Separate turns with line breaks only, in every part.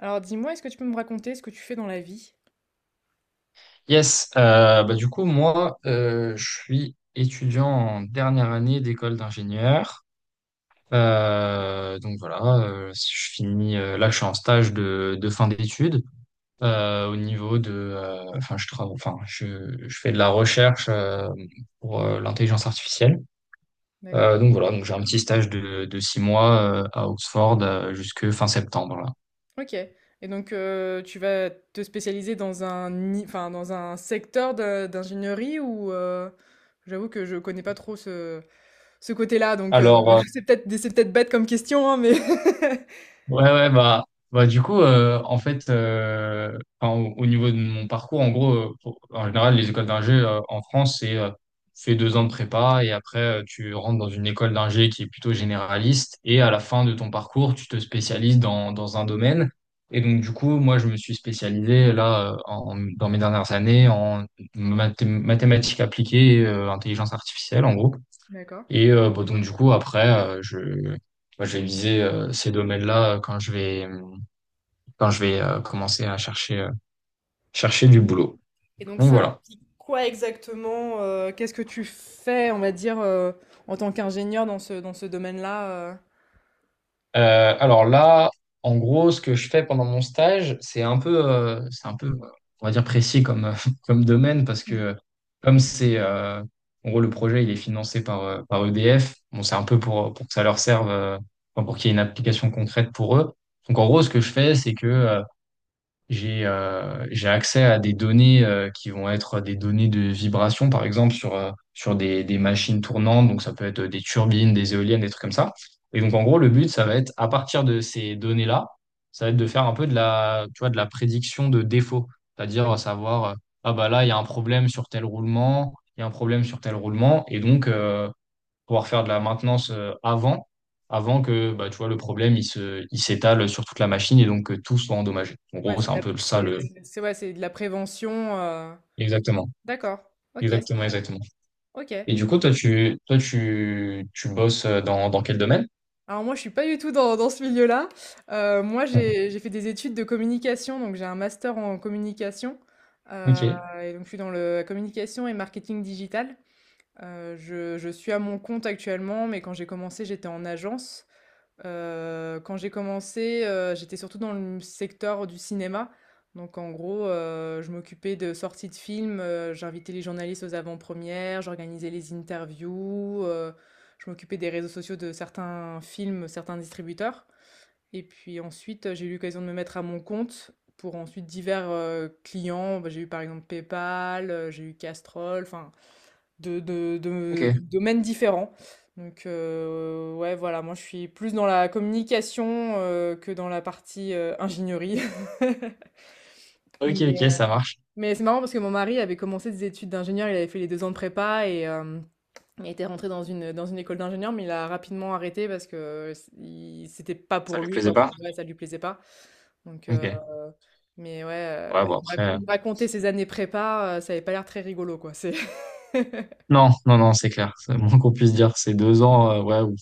Alors dis-moi, est-ce que tu peux me raconter ce que tu fais dans la vie?
Yes, bah du coup, moi, je suis étudiant en dernière année d'école d'ingénieur. Donc voilà, si je finis, là, je suis en stage de fin d'études, au niveau de, enfin, je travaille, enfin, je fais de la recherche, pour l'intelligence artificielle.
D'accord.
Donc voilà, donc j'ai un petit stage de 6 mois , à Oxford, jusque fin septembre là.
Ok. Et donc tu vas te spécialiser dans un, enfin, dans un secteur d'ingénierie ou j'avoue que je connais pas trop ce, ce côté-là, donc
Alors.
c'est peut-être bête comme question, hein, mais
Ouais, ouais, bah du coup, en fait, enfin, au niveau de mon parcours, en gros, en général, les écoles d'ingé, en France, c'est, tu fais 2 ans de prépa et après, tu rentres dans une école d'ingé qui est plutôt généraliste et à la fin de ton parcours, tu te spécialises dans un domaine. Et donc, du coup, moi, je me suis spécialisé là, dans mes dernières années, en mathématiques appliquées, et intelligence artificielle, en gros.
D'accord.
Et, bon, donc du coup après, je moi, je vais viser, ces domaines-là, quand je vais, commencer à chercher, chercher du boulot.
Et donc
Donc
ça
voilà.
implique quoi exactement? Qu'est-ce que tu fais, on va dire, en tant qu'ingénieur dans ce domaine-là?
Alors là, en gros, ce que je fais pendant mon stage, c'est un peu, on va dire précis comme, comme domaine parce que comme c'est en gros le projet il est financé par, par EDF. Bon c'est un peu pour que ça leur serve, enfin, pour qu'il y ait une application concrète pour eux. Donc en gros, ce que je fais, c'est que, j'ai accès à des données, qui vont être des données de vibration, par exemple, sur des machines tournantes. Donc, ça peut être des turbines, des éoliennes, des trucs comme ça. Et donc, en gros, le but, ça va être, à partir de ces données-là, ça va être de faire un peu tu vois, de la prédiction de défaut. C'est-à-dire, savoir, ah bah là, il y a un problème sur tel roulement, il y a un problème sur tel roulement. Et donc, pouvoir faire de la maintenance, avant que bah, tu vois, le problème il s'étale sur toute la machine et donc que tout soit endommagé. En
Ouais,
gros,
c'est
c'est
de
un
la,
peu ça le.
c'est- ouais, c'est de la prévention.
Exactement,
D'accord. Ok, c'est
exactement, exactement.
OK.
Et du coup, toi, tu bosses, dans quel domaine?
Alors moi, je suis pas du tout dans ce milieu-là. Moi,
Mhm.
j'ai fait des études de communication, donc j'ai un master en communication, heu
Ok,
et donc je suis dans le communication et marketing digital. Je suis à mon compte actuellement, mais quand j'ai commencé, j'étais en agence. Quand j'ai commencé, j'étais surtout dans le secteur du cinéma. Donc en gros, je m'occupais de sorties de films, j'invitais les journalistes aux avant-premières, j'organisais les interviews, je m'occupais des réseaux sociaux de certains films, certains distributeurs. Et puis ensuite, j'ai eu l'occasion de me mettre à mon compte pour ensuite divers, clients. Bah, j'ai eu par exemple PayPal, j'ai eu Castrol, enfin de
ok,
domaines différents. Donc, ouais, voilà, moi je suis plus dans la communication que dans la partie ingénierie.
ok,
Mais,
ok,
euh,
ça marche.
mais c'est marrant parce que mon mari avait commencé des études d'ingénieur, il avait fait les deux ans de prépa et il était rentré dans une école d'ingénieur, mais il a rapidement arrêté parce que c'était pas
Ça
pour
lui
lui,
plaisait
quoi.
pas?
Ouais, ça lui plaisait pas. Donc,
Ok. Ouais,
mais ouais,
bon,
il me rac-
après.
il me racontait ses années prépa, ça avait pas l'air très rigolo, quoi.
Non, non, non, c'est clair. C'est le moins qu'on puisse dire. C'est 2 ans, ouais,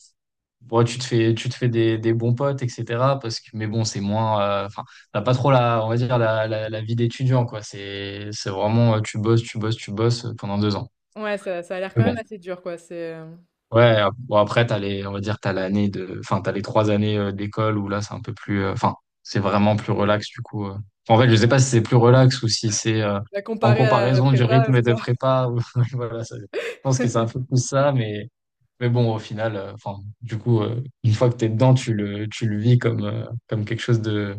ouais, tu te fais des bons potes, etc. Parce que, mais bon, c'est moins. Enfin, t'as pas trop la, on va dire, la vie d'étudiant, quoi. C'est vraiment, tu bosses, tu bosses, tu bosses, pendant 2 ans.
Ouais, ça a l'air
Mais
quand
bon.
même assez dur, quoi.
Ouais, bon, après, t'as les, on va dire, t'as l'année de. Enfin, t'as les 3 années , d'école où là, c'est un peu plus. Enfin, c'est vraiment plus relax, du coup. En fait, je sais pas si c'est plus relax ou si c'est,
Bah,
en
comparé à la
comparaison du
prépa,
rythme
c'est
de
ça?
prépa. Voilà, je pense que c'est un peu plus ça, mais. Mais bon, au final, enfin, du coup, une fois que t'es dedans, tu le vis comme, comme quelque chose de,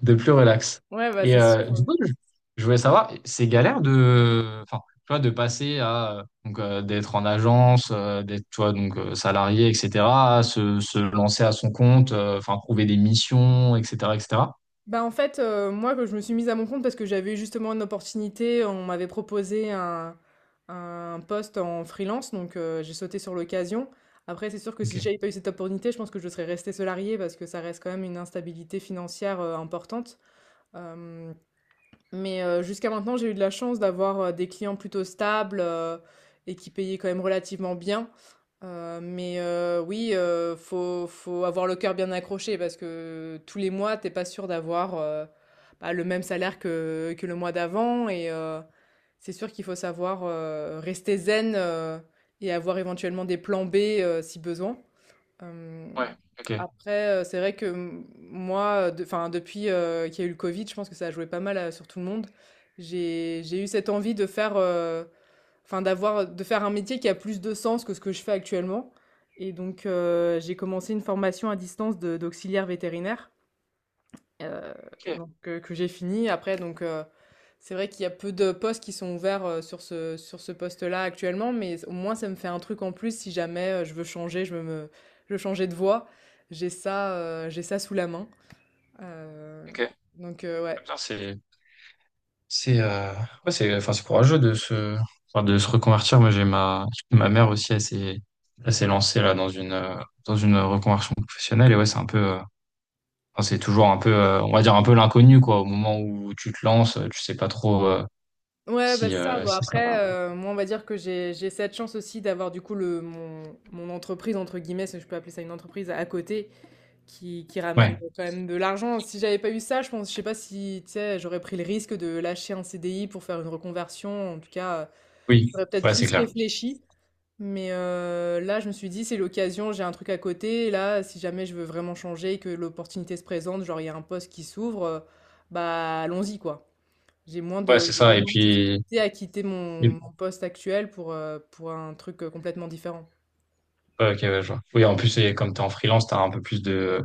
de plus relax.
Ouais, bah,
Et
c'est sûr,
euh,
ouais.
du coup, je voulais savoir, c'est galère de, enfin, tu vois, de passer à, donc, d'être en agence, d'être, tu vois, donc, salarié, etc., à se lancer à son compte, enfin, trouver des missions, etc., etc.
Bah, en fait, moi, quand je me suis mise à mon compte parce que j'avais eu justement une opportunité, on m'avait proposé un poste en freelance, donc j'ai sauté sur l'occasion. Après, c'est sûr que
Ok.
si j'avais pas eu cette opportunité, je pense que je serais restée salariée parce que ça reste quand même une instabilité financière, importante, hem Mais jusqu'à maintenant, j'ai eu de la chance d'avoir des clients plutôt stables et qui payaient quand même relativement bien. Mais oui, faut avoir le cœur bien accroché parce que tous les mois, t'es pas sûr d'avoir bah, le même salaire que le mois d'avant. Et c'est sûr qu'il faut savoir rester zen et avoir éventuellement des plans B si besoin.
Ouais,
Hem,
ok.
après, c'est vrai que, m moi, enfin, depuis, qu'il y a eu le Covid, je pense que ça a joué pas mal, sur tout le monde. J'ai eu cette envie de faire, enfin d'avoir de faire un métier qui a plus de sens que ce que je fais actuellement, et donc j'ai commencé une formation à distance de d'auxiliaire vétérinaire. Heu,
Ok,
donc, que j'ai fini. Après donc c'est vrai qu'il y a peu de postes qui sont ouverts, sur ce poste-là actuellement, mais au moins ça me fait un truc en plus si jamais, je veux changer de voie. J'ai ça, j'ai ça sous la main. Heu,
ok.
donc, ouais.
Putain, C'est ouais, c'est enfin c'est courageux de se enfin, de se reconvertir. Moi j'ai ma mère aussi, elle s'est lancée là dans une reconversion professionnelle. Et ouais, c'est un peu, enfin, c'est toujours un peu, on va dire un peu l'inconnu, quoi, au moment où tu te lances, tu sais pas trop,
Ouais, bah, c'est ça. Bon
si ça va.
après, moi on va dire que j'ai cette chance aussi d'avoir du coup le mon mon «entreprise» entre guillemets, si je peux appeler ça une entreprise, à côté, qui qui ramène
Ouais.
quand même de l'argent. Si j'avais pas eu ça, je pense, je sais pas si, tu sais, j'aurais pris le risque de lâcher un CDI pour faire une reconversion. En tout cas,
Oui.
j'aurais peut-être
Ouais, c'est
plus
clair.
réfléchi. Mais là, je me suis dit, c'est l'occasion, j'ai un truc à côté. Et là, si jamais je veux vraiment changer, que l'opportunité se présente, genre il y a un poste qui s'ouvre, bah allons-y, quoi. J'ai moins
Ouais,
de,
c'est
j'ai
ça. Et
moins de
puis
difficultés à quitter mon,
et-
mon poste actuel pour un truc complètement différent.
ouais, OK, ouais, je vois. Oui, en plus, c'est comme tu es en freelance, tu as un peu plus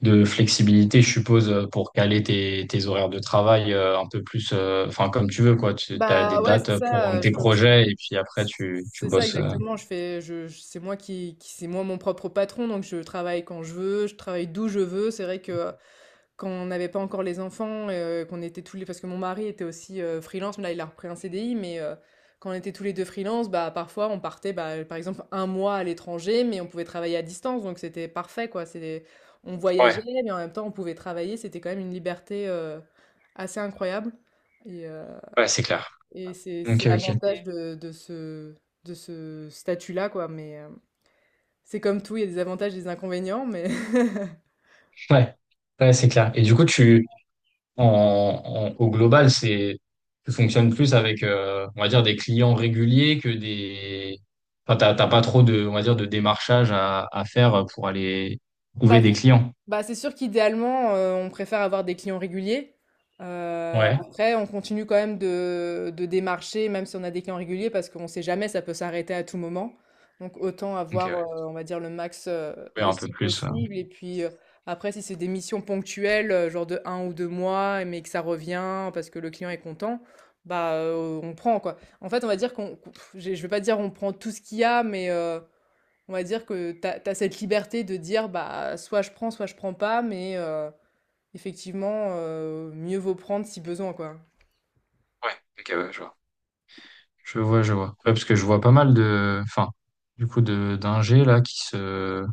de flexibilité, je suppose, pour caler tes horaires de travail, un peu plus, enfin, comme tu veux, quoi. Tu as des
Bah ouais, c'est
dates pour
ça.
tes projets et puis après, tu
C'est ça
bosses.
exactement, je fais je c'est moi qui c'est moi mon propre patron, donc je travaille quand je veux, je travaille d'où je veux. C'est vrai que quand on n'avait pas encore les enfants, qu'on était tous les parce que mon mari était aussi, freelance, mais là il a repris un CDI, mais quand on était tous les 2 freelance, bah, parfois on partait, bah, par exemple un mois à l'étranger, mais on pouvait travailler à distance, donc c'était parfait quoi. C'est on voyageait,
Ouais,
mais en même temps on pouvait travailler, c'était quand même une liberté, assez incroyable, et
ouais, c'est clair.
c'est
Ok, ok.
l'avantage de ce statut-là, quoi. Mais c'est comme tout, il y a des avantages et des inconvénients.
Ouais, ouais, c'est clair. Et du coup, en, au global, tu fonctionnes plus avec, on va dire, des clients réguliers que des, enfin, t'as pas trop de, on va dire, de démarchage à faire pour aller trouver
Bah,
des clients.
Bah, c'est sûr qu'idéalement, on préfère avoir des clients réguliers. Heu,
Ouais.
Après, on continue quand même de démarcher, même si on a des clients réguliers, parce qu'on ne sait jamais, ça peut s'arrêter à tout moment. Donc autant
Ok,
avoir,
ouais.
on va dire, le max,
Ouais,
de
un peu
clients
plus.
possible et puis, après, si c'est des missions ponctuelles, genre de un ou 2 mois, mais que ça revient parce que le client est content, bah, on prend, quoi. En fait, on va dire qu'on, j'ai je ne vais pas dire on prend tout ce qu'il y a, mais, on va dire que tu t'as cette liberté de dire bah soit je prends pas, mais effectivement, mieux vaut prendre si besoin, quoi.
Ouais, ok, ouais, je vois. Je vois, je vois. Ouais, parce que je vois pas mal de, enfin, du coup, de d'ingés là qui se,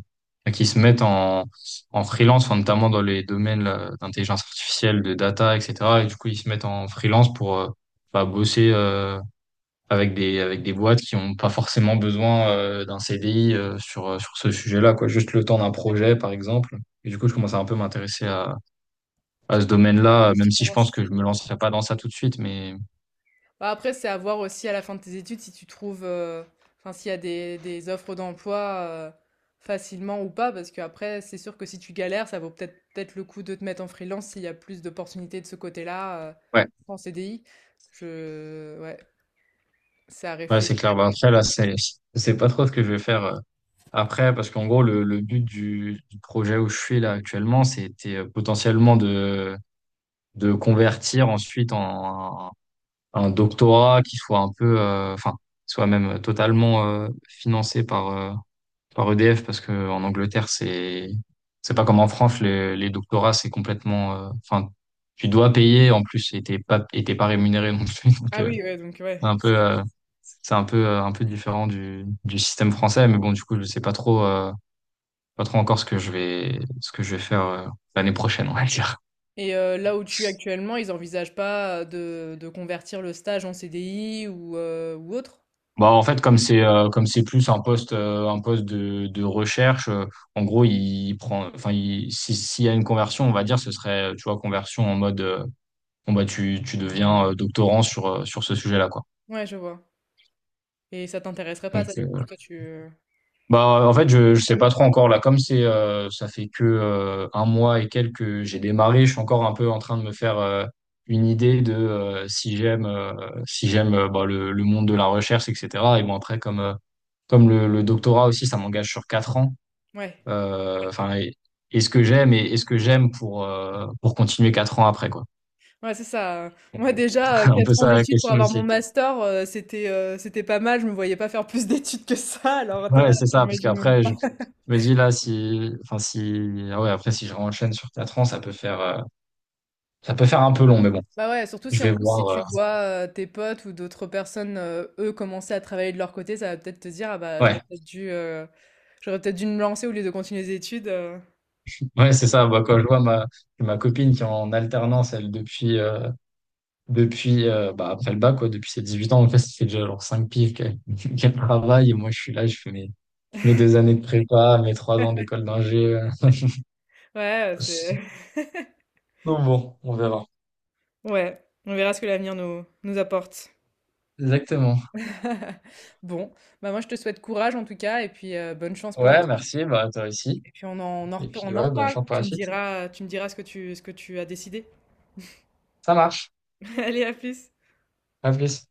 bah, qui se mettent en freelance, enfin, notamment dans les domaines là, d'intelligence artificielle, de data, etc. Et du coup, ils se mettent en freelance pour, bah, bosser, avec des boîtes qui ont pas forcément besoin, d'un CDI , sur ce sujet-là, quoi. Juste le temps d'un projet, par exemple. Et du coup, je commence à un peu m'intéresser à
Tu-
ce domaine-là,
tu
même si je pense
commences-
que je me lancerai pas dans ça tout de suite, mais
Bah, après, c'est à voir aussi à la fin de tes études si tu trouves, enfin, s'il y a des offres d'emploi euh, facilement ou pas, parce qu'après, c'est sûr que si tu galères, ça vaut peut-être le coup de te mettre en freelance s'il y a plus d'opportunités de ce côté-là
ouais.
qu'en CDI. Ouais, c'est à
Ouais, c'est clair.
réfléchir.
Ben, après, là, je sais pas trop ce que je vais faire, après, parce qu'en gros, le but du projet où je suis là actuellement, c'était, potentiellement de convertir ensuite en un doctorat qui soit un peu, enfin, soit même totalement, financé par, par EDF, parce que en Angleterre, c'est pas comme en France, les doctorats, c'est complètement, enfin, tu dois payer, en plus, et t'es pas rémunéré non plus. Donc,
Ah oui, ouais, donc
c'est
ouais.
un peu, euh, c'est un peu différent du système français, mais bon, du coup, je sais pas trop, pas trop encore ce que je vais, faire, l'année prochaine, on va dire.
Et là où tu es actuellement, ils envisagent pas de convertir le stage en CDI ou autre?
Bah, en fait, comme c'est plus un poste de recherche, en gros, il prend, enfin, il, si, s'il y a une conversion, on va dire, ce serait, tu vois, conversion en mode, bon, bah, tu deviens, doctorant sur, sur ce sujet-là, quoi.
Ouais, je vois. Et ça t'intéresserait pas
Donc,
ça du coup? Toi tu
bah, en fait, je sais pas trop encore là. Ça fait que, un mois et quelques que j'ai démarré, je suis encore un peu en train de me faire, une idée de, si j'aime, bah, le monde de la recherche, etc. Et bon après, comme le doctorat aussi, ça m'engage sur 4 ans.
ouais.
Enfin, est-ce que j'aime et est-ce que j'aime pour, pour continuer 4 ans après, quoi.
Ouais, c'est ça, moi déjà,
Un peu
4 ans
ça, la
d'études pour
question
avoir mon
aussi.
master, c'était pas mal, je me voyais pas faire plus d'études que ça, alors
Ouais,
toi,
c'est ça, parce
j'imagine même
qu'après
pas.
je me dis là, si, enfin si, ah ouais, après, si je renchaîne sur 4 ans, ça peut faire. Ça peut faire un peu long, mais bon,
Bah, ouais, surtout
je
si en
vais
plus si
voir.
tu vois, tes potes ou d'autres personnes, eux commencer à travailler de leur côté, ça va peut-être te dire: «Ah bah, j'aurais
Ouais,
peut-être dû, heu, j'aurais peut-être dû me lancer au lieu de continuer les études»,
ouais, c'est ça. Bah, quand je vois ma copine qui est en alternance, elle, depuis, bah, après le bac, quoi, depuis ses 18 ans, en fait, ça fait déjà genre 5 piges qu'elle qu'elle travaille. Et moi, je suis là, je fais mes 2 années de prépa, mes 3 ans d'école d'ingé.
Ouais, c'est
Donc bon, on verra.
ouais, on verra ce que l'avenir nous apporte.
Exactement.
Bon, bah, moi je te souhaite courage en tout cas et puis, bonne chance pour la
Ouais,
suite
merci, bah, toi aussi.
et puis
Et puis,
on en
ouais, bonne
reparle.
chance pour
Tu
la
me
suite.
diras, tu me diras ce que tu as décidé.
Ça marche.
Allez, à plus.
À plus.